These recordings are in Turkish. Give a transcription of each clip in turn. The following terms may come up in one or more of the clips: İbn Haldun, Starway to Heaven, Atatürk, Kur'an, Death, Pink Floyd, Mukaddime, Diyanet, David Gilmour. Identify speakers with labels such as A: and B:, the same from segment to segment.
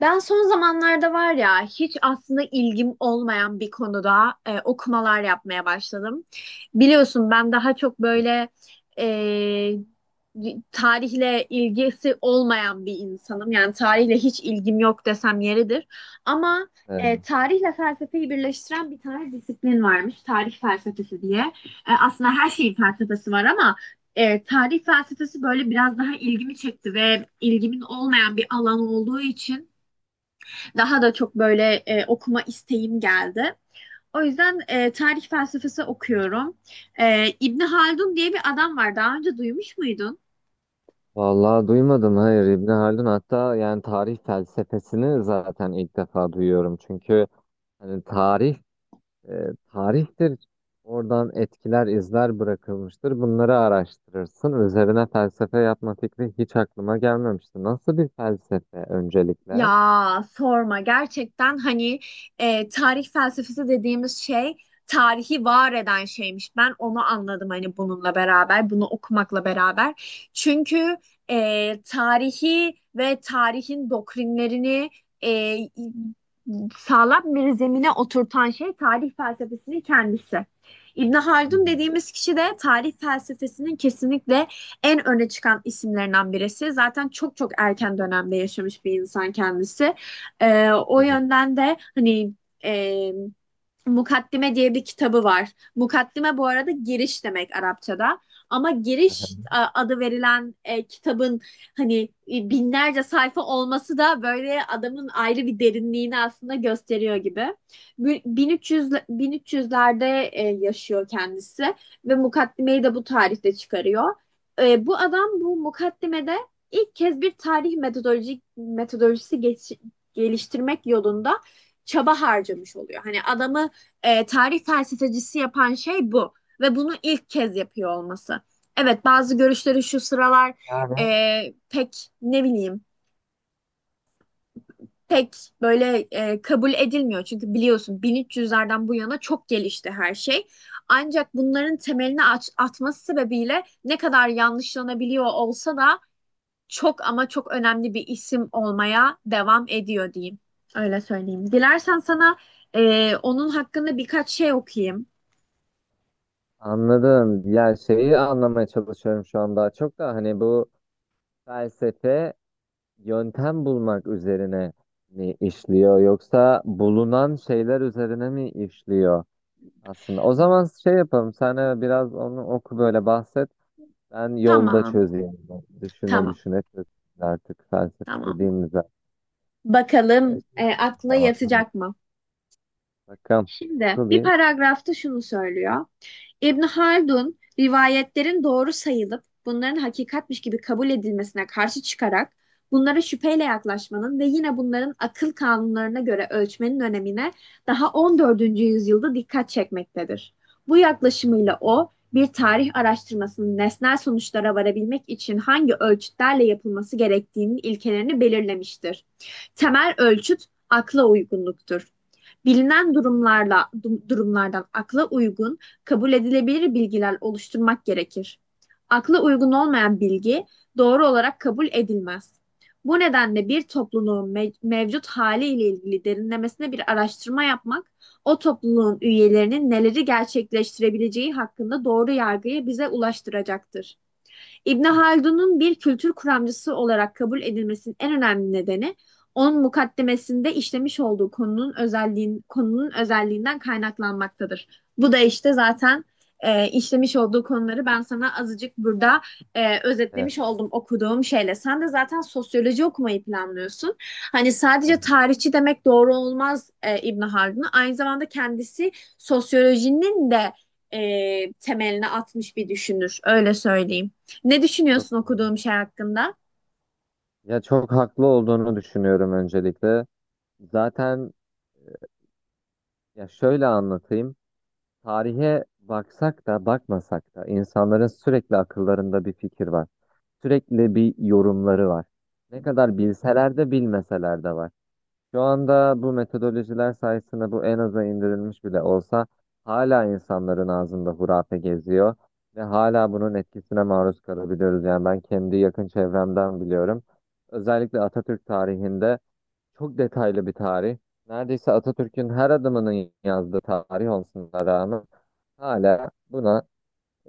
A: Ben son zamanlarda var ya hiç aslında ilgim olmayan bir konuda okumalar yapmaya başladım. Biliyorsun ben daha çok böyle e, tarihle ilgisi olmayan bir insanım. Yani tarihle hiç ilgim yok desem yeridir. Ama
B: Evet.
A: tarihle felsefeyi birleştiren bir tane disiplin varmış. Tarih felsefesi diye. Aslında her şeyin felsefesi var ama tarih felsefesi böyle biraz daha ilgimi çekti ve ilgimin olmayan bir alan olduğu için daha da çok böyle okuma isteğim geldi. O yüzden tarih felsefesi okuyorum. İbni Haldun diye bir adam var. Daha önce duymuş muydun?
B: Vallahi duymadım, hayır, İbni Haldun. Hatta yani tarih felsefesini zaten ilk defa duyuyorum. Çünkü hani tarih e, tarihtir, oradan etkiler, izler bırakılmıştır, bunları araştırırsın. Üzerine felsefe yapma fikri hiç aklıma gelmemişti. Nasıl bir felsefe öncelikle?
A: Ya sorma gerçekten hani tarih felsefesi dediğimiz şey tarihi var eden şeymiş. Ben onu anladım hani bununla beraber, bunu okumakla beraber. Çünkü tarihi ve tarihin doktrinlerini e, sağlam bir zemine oturtan şey tarih felsefesinin kendisi. İbn Haldun
B: Hmm.
A: dediğimiz kişi de tarih felsefesinin kesinlikle en öne çıkan isimlerinden birisi. Zaten çok çok erken dönemde yaşamış bir insan kendisi. O
B: Evet.
A: yönden de hani e, Mukaddime diye bir kitabı var. Mukaddime bu arada giriş demek Arapçada. Ama giriş adı verilen kitabın hani binlerce sayfa olması da böyle adamın ayrı bir derinliğini aslında gösteriyor gibi. 1300'lerde yaşıyor kendisi ve mukaddimeyi de bu tarihte çıkarıyor. Bu adam bu mukaddimede ilk kez bir tarih metodolojisi geliştirmek yolunda çaba harcamış oluyor. Hani adamı tarih felsefecisi yapan şey bu ve bunu ilk kez yapıyor olması. Evet, bazı görüşleri şu sıralar
B: Yani
A: pek ne bileyim, pek böyle kabul edilmiyor. Çünkü biliyorsun 1300'lerden bu yana çok gelişti her şey. Ancak bunların temelini atması sebebiyle ne kadar yanlışlanabiliyor olsa da çok ama çok önemli bir isim olmaya devam ediyor diyeyim. Öyle söyleyeyim. Dilersen sana onun hakkında birkaç şey okuyayım.
B: anladım. Ya şeyi anlamaya çalışıyorum şu an, daha çok da hani bu felsefe yöntem bulmak üzerine mi işliyor yoksa bulunan şeyler üzerine mi işliyor aslında? O zaman şey yapalım. Sen biraz onu oku, böyle bahset. Ben yolda
A: Tamam.
B: çözeyim. Düşüne
A: Tamam,
B: düşüne çözeyim, artık felsefe
A: tamam.
B: bu değil mi zaten? E,
A: Bakalım
B: şey
A: aklına yatacak mı?
B: Bakalım.
A: Şimdi
B: Oku
A: bir
B: bir.
A: paragrafta şunu söylüyor. İbn Haldun, rivayetlerin doğru sayılıp bunların hakikatmiş gibi kabul edilmesine karşı çıkarak bunlara şüpheyle yaklaşmanın ve yine bunların akıl kanunlarına göre ölçmenin önemine daha 14. yüzyılda dikkat çekmektedir. Bu yaklaşımıyla o, bir tarih araştırmasının nesnel sonuçlara varabilmek için hangi ölçütlerle yapılması gerektiğinin ilkelerini belirlemiştir. Temel ölçüt akla uygunluktur. Bilinen durumlardan akla uygun, kabul edilebilir bilgiler oluşturmak gerekir. Akla uygun olmayan bilgi doğru olarak kabul edilmez. Bu nedenle bir topluluğun mevcut haliyle ilgili derinlemesine bir araştırma yapmak, o topluluğun üyelerinin neleri gerçekleştirebileceği hakkında doğru yargıyı bize ulaştıracaktır. İbn Haldun'un bir kültür kuramcısı olarak kabul edilmesinin en önemli nedeni, onun mukaddemesinde işlemiş olduğu konunun özelliğinden kaynaklanmaktadır. Bu da işte zaten işlemiş olduğu konuları ben sana azıcık burada
B: Evet.
A: özetlemiş oldum okuduğum şeyle. Sen de zaten sosyoloji okumayı planlıyorsun. Hani sadece
B: Aha.
A: tarihçi demek doğru olmaz İbn Haldun'a. Aynı zamanda kendisi sosyolojinin de temelini atmış bir düşünür. Öyle söyleyeyim. Ne
B: Çok,
A: düşünüyorsun okuduğum şey hakkında?
B: Ya, çok haklı olduğunu düşünüyorum öncelikle. Zaten, ya şöyle anlatayım. Tarihe baksak da bakmasak da insanların sürekli akıllarında bir fikir var. Sürekli bir yorumları var. Ne kadar bilseler de bilmeseler de var. Şu anda bu metodolojiler sayesinde bu en aza indirilmiş bile olsa hala insanların ağzında hurafe geziyor ve hala bunun etkisine maruz kalabiliyoruz. Yani ben kendi yakın çevremden biliyorum. Özellikle Atatürk tarihinde, çok detaylı bir tarih. Neredeyse Atatürk'ün her adımının yazdığı tarih olmasına rağmen hala buna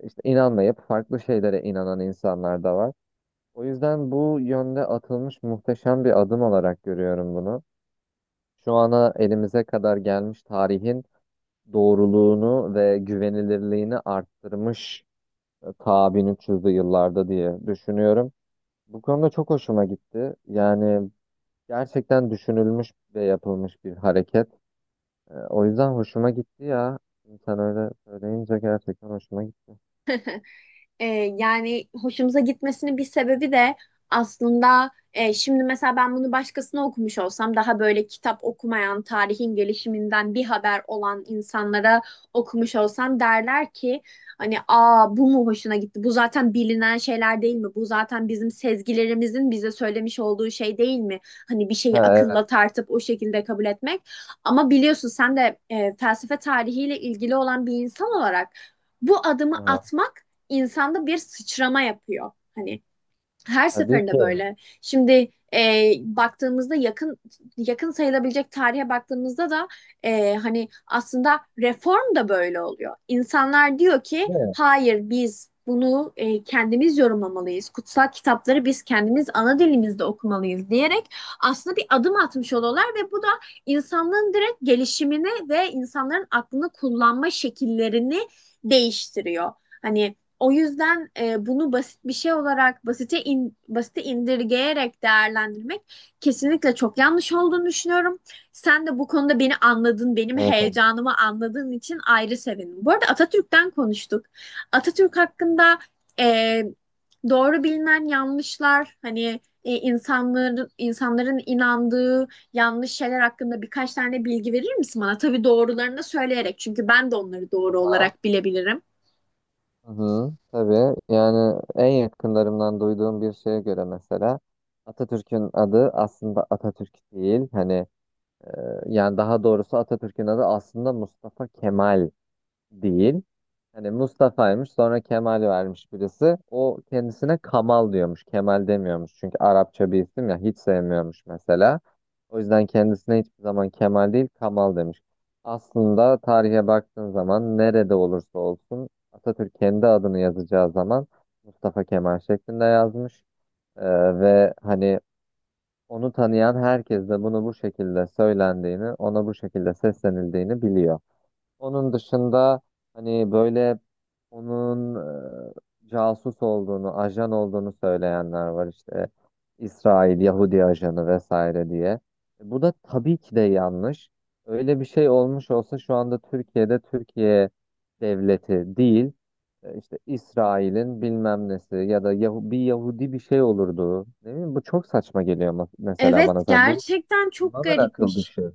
B: işte inanmayıp farklı şeylere inanan insanlar da var. O yüzden bu yönde atılmış muhteşem bir adım olarak görüyorum bunu. Şu ana elimize kadar gelmiş tarihin doğruluğunu ve güvenilirliğini arttırmış ta 1300'lü yıllarda diye düşünüyorum. Bu konuda çok hoşuma gitti. Yani gerçekten düşünülmüş ve yapılmış bir hareket. O yüzden hoşuma gitti ya. Şimdi sen öyle söyleyince gerçekten hoşuma gitti.
A: E, Yani hoşumuza gitmesinin bir sebebi de aslında şimdi mesela ben bunu başkasına okumuş olsam, daha böyle kitap okumayan, tarihin gelişiminden bir haber olan insanlara okumuş olsam, derler ki hani, aa, bu mu hoşuna gitti? Bu zaten bilinen şeyler değil mi? Bu zaten bizim sezgilerimizin bize söylemiş olduğu şey değil mi? Hani bir şeyi
B: Ha, evet.
A: akılla tartıp o şekilde kabul etmek. Ama biliyorsun sen de felsefe tarihiyle ilgili olan bir insan olarak bu adımı
B: Aha.
A: atmak insanda bir sıçrama yapıyor. Hani her
B: Tabii ki.
A: seferinde böyle. Şimdi baktığımızda, yakın, yakın sayılabilecek tarihe baktığımızda da hani aslında reform da böyle oluyor. İnsanlar diyor ki
B: Değil mi?
A: hayır, biz bunu kendimiz yorumlamalıyız. Kutsal kitapları biz kendimiz ana dilimizde okumalıyız diyerek aslında bir adım atmış oluyorlar ve bu da insanlığın direkt gelişimini ve insanların aklını kullanma şekillerini değiştiriyor. Hani o yüzden bunu basit bir şey olarak basite indirgeyerek değerlendirmek kesinlikle çok yanlış olduğunu düşünüyorum. Sen de bu konuda beni anladın, benim
B: Evet, evet.
A: heyecanımı anladığın için ayrı sevindim. Bu arada Atatürk'ten konuştuk. Atatürk hakkında e, doğru bilinen yanlışlar, hani insanların inandığı yanlış şeyler hakkında birkaç tane bilgi verir misin bana? Tabii doğrularını da söyleyerek, çünkü ben de onları doğru
B: Ha.
A: olarak bilebilirim.
B: Hı hı. Tabii, yani en yakınlarımdan duyduğum bir şeye göre, mesela Atatürk'ün adı aslında Atatürk değil. Hani e, yani daha doğrusu Atatürk'ün adı aslında Mustafa Kemal değil. Hani Mustafa'ymış, sonra Kemal vermiş birisi. O kendisine Kamal diyormuş, Kemal demiyormuş. Çünkü Arapça bir isim, ya hiç sevmiyormuş mesela. O yüzden kendisine hiçbir zaman Kemal değil, Kamal demiş. Aslında tarihe baktığın zaman nerede olursa olsun Atatürk kendi adını yazacağı zaman Mustafa Kemal şeklinde yazmış. Ee, Ve hani onu tanıyan herkes de bunu bu şekilde söylendiğini, ona bu şekilde seslenildiğini biliyor. Onun dışında hani böyle onun casus olduğunu, ajan olduğunu söyleyenler var işte. İsrail, Yahudi ajanı vesaire diye. Bu da tabii ki de yanlış. Öyle bir şey olmuş olsa şu anda Türkiye'de Türkiye devleti değil, işte İsrail'in bilmem nesi ya da bir Yahudi bir şey olurdu. Değil mi? Bu çok saçma geliyor mesela
A: Evet,
B: bana zaten. Bu
A: gerçekten çok
B: tamamen akıl
A: garipmiş,
B: dışı.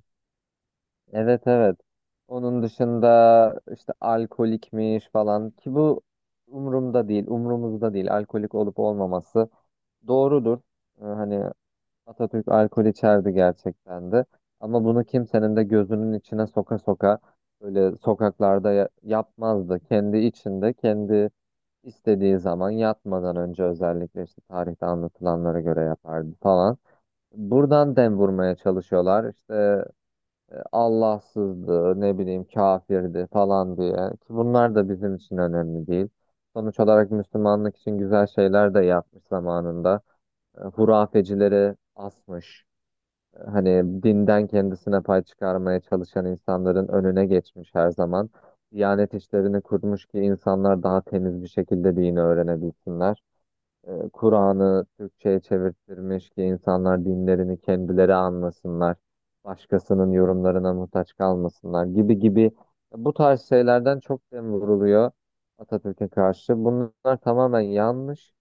B: Evet, evet. Onun dışında işte alkolikmiş falan, ki bu umurumda değil, umurumuzda değil. Alkolik olup olmaması doğrudur. Hani Atatürk alkol içerdi gerçekten de. Ama bunu kimsenin de gözünün içine soka soka böyle sokaklarda yapmazdı. Kendi içinde, kendi istediği zaman, yatmadan önce özellikle, işte tarihte anlatılanlara göre yapardı falan. Buradan dem vurmaya çalışıyorlar. İşte Allahsızdı, ne bileyim, kafirdi falan diye. Ki bunlar da bizim için önemli değil. Sonuç olarak Müslümanlık için güzel şeyler de yapmış zamanında. Hurafecileri asmış. Hani dinden kendisine pay çıkarmaya çalışan insanların önüne geçmiş her zaman. Diyanet işlerini kurmuş ki insanlar daha temiz bir şekilde dini öğrenebilsinler, Kur'an'ı Türkçe'ye çevirttirmiş ki insanlar dinlerini kendileri anlasınlar, başkasının yorumlarına muhtaç kalmasınlar, gibi gibi. Bu tarz şeylerden çok dem vuruluyor Atatürk'e karşı. Bunlar tamamen yanlış.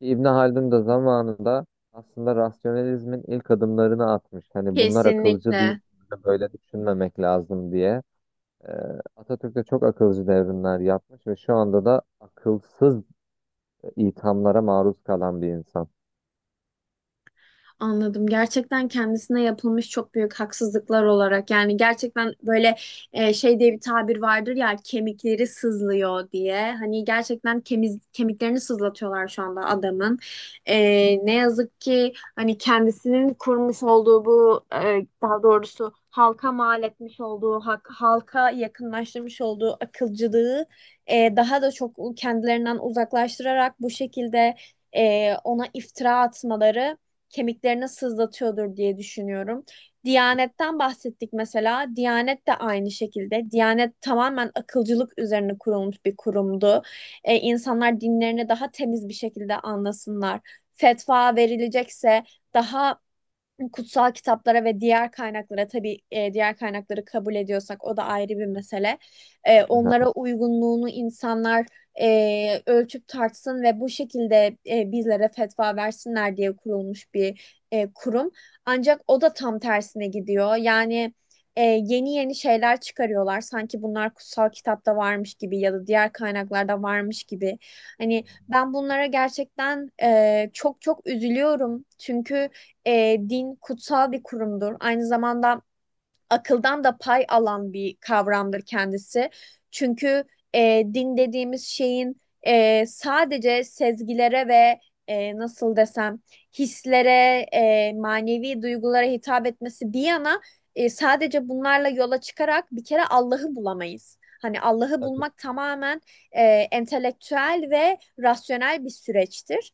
B: İbn Haldun da zamanında aslında rasyonalizmin ilk adımlarını atmış. Hani bunlar akılcı değil,
A: kesinlikle.
B: böyle düşünmemek lazım diye. E, Atatürk de çok akılcı devrimler yapmış ve şu anda da akılsız ithamlara maruz kalan bir insan.
A: Anladım. Gerçekten kendisine yapılmış çok büyük haksızlıklar olarak, yani gerçekten böyle şey diye bir tabir vardır ya, kemikleri sızlıyor diye. Hani gerçekten kemiklerini sızlatıyorlar şu anda adamın. E, ne yazık ki hani kendisinin kurmuş olduğu bu daha doğrusu halka mal etmiş olduğu halka yakınlaştırmış olduğu akılcılığı daha da çok kendilerinden uzaklaştırarak bu şekilde ona iftira atmaları kemiklerini sızlatıyordur diye düşünüyorum. Diyanetten bahsettik mesela. Diyanet de aynı şekilde. Diyanet tamamen akılcılık üzerine kurulmuş bir kurumdu. E, insanlar dinlerini daha temiz bir şekilde anlasınlar. Fetva verilecekse daha kutsal kitaplara ve diğer kaynaklara tabii, diğer kaynakları kabul ediyorsak o da ayrı bir mesele. Onlara
B: Aha.
A: uygunluğunu insanlar ölçüp tartsın ve bu şekilde bizlere fetva versinler diye kurulmuş bir kurum. Ancak o da tam tersine gidiyor. Yani yeni yeni şeyler çıkarıyorlar. Sanki bunlar kutsal kitapta varmış gibi ya da diğer kaynaklarda varmış gibi. Hani ben bunlara gerçekten çok çok üzülüyorum. Çünkü din kutsal bir kurumdur. Aynı zamanda akıldan da pay alan bir kavramdır kendisi. Çünkü din dediğimiz şeyin sadece sezgilere ve nasıl desem, hislere, manevi duygulara hitap etmesi bir yana, sadece bunlarla yola çıkarak bir kere Allah'ı bulamayız. Hani Allah'ı
B: Tabii.
A: bulmak tamamen entelektüel ve rasyonel bir süreçtir.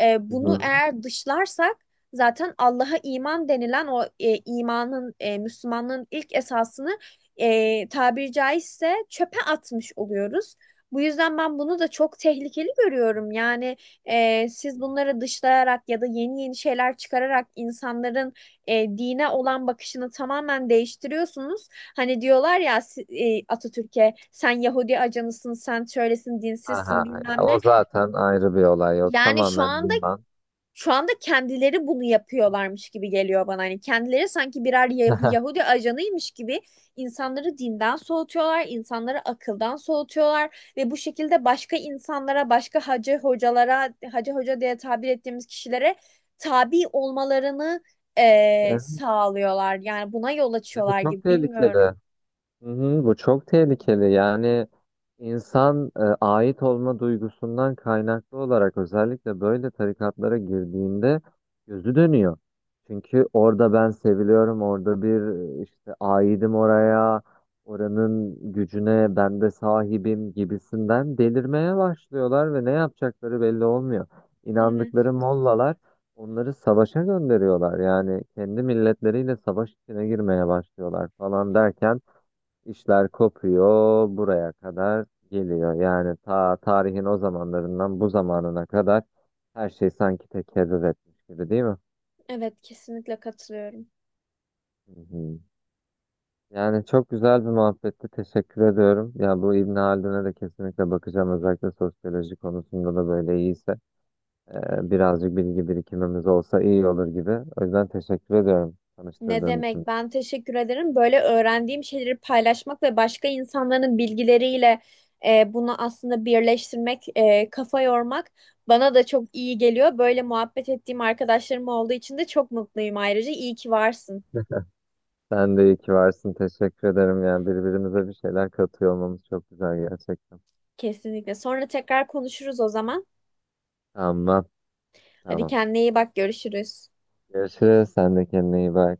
A: E,
B: Hı
A: bunu
B: hı.
A: eğer dışlarsak zaten Allah'a iman denilen o imanın, Müslümanlığın ilk esasını tabiri caizse çöpe atmış oluyoruz. Bu yüzden ben bunu da çok tehlikeli görüyorum. Yani siz bunları dışlayarak ya da yeni yeni şeyler çıkararak insanların dine olan bakışını tamamen değiştiriyorsunuz. Hani diyorlar ya, Atatürk'e sen Yahudi ajanısın, sen şöylesin,
B: Aha,
A: dinsizsin,
B: ya
A: bilmem
B: o
A: ne.
B: zaten ayrı bir olay. O
A: Yani şu
B: tamamen
A: anda,
B: yalan.
A: kendileri bunu yapıyorlarmış gibi geliyor bana. Hani kendileri sanki birer Yahudi ajanıymış gibi insanları dinden soğutuyorlar, insanları akıldan soğutuyorlar ve bu şekilde başka insanlara, başka hacı hocalara, hacı hoca diye tabir ettiğimiz kişilere tabi olmalarını
B: Evet,
A: sağlıyorlar. Yani buna yol açıyorlar
B: çok
A: gibi,
B: tehlikeli.
A: bilmiyorum.
B: Hı hı, bu çok tehlikeli. Yani insan ait olma duygusundan kaynaklı olarak özellikle böyle tarikatlara girdiğinde gözü dönüyor. Çünkü orada ben seviliyorum, orada bir, işte aidim oraya, oranın gücüne ben de sahibim gibisinden delirmeye başlıyorlar ve ne yapacakları belli olmuyor.
A: Evet,
B: İnandıkları mollalar onları savaşa gönderiyorlar. Yani kendi milletleriyle savaş içine girmeye başlıyorlar falan derken İşler kopuyor, buraya kadar geliyor. Yani ta tarihin o zamanlarından bu zamanına kadar her şey sanki tekerrür etmiş gibi, değil mi?
A: evet, kesinlikle katılıyorum.
B: Hı hı. Yani çok güzel bir muhabbetti, teşekkür ediyorum. Ya bu İbn Haldun'a da kesinlikle bakacağım. Özellikle sosyoloji konusunda da böyle iyiyse, birazcık bilgi birikimimiz olsa iyi olur gibi. O yüzden teşekkür ediyorum
A: Ne
B: tanıştırdığın
A: demek?
B: için.
A: Ben teşekkür ederim. Böyle öğrendiğim şeyleri paylaşmak ve başka insanların bilgileriyle bunu aslında birleştirmek, kafa yormak bana da çok iyi geliyor. Böyle muhabbet ettiğim arkadaşlarım olduğu için de çok mutluyum ayrıca. İyi ki varsın.
B: Sen de iyi ki varsın. Teşekkür ederim. Yani birbirimize bir şeyler katıyor olmamız çok güzel gerçekten.
A: Kesinlikle. Sonra tekrar konuşuruz o zaman.
B: Tamam.
A: Hadi
B: Tamam.
A: kendine iyi bak. Görüşürüz.
B: Görüşürüz. Sen de kendine iyi bak.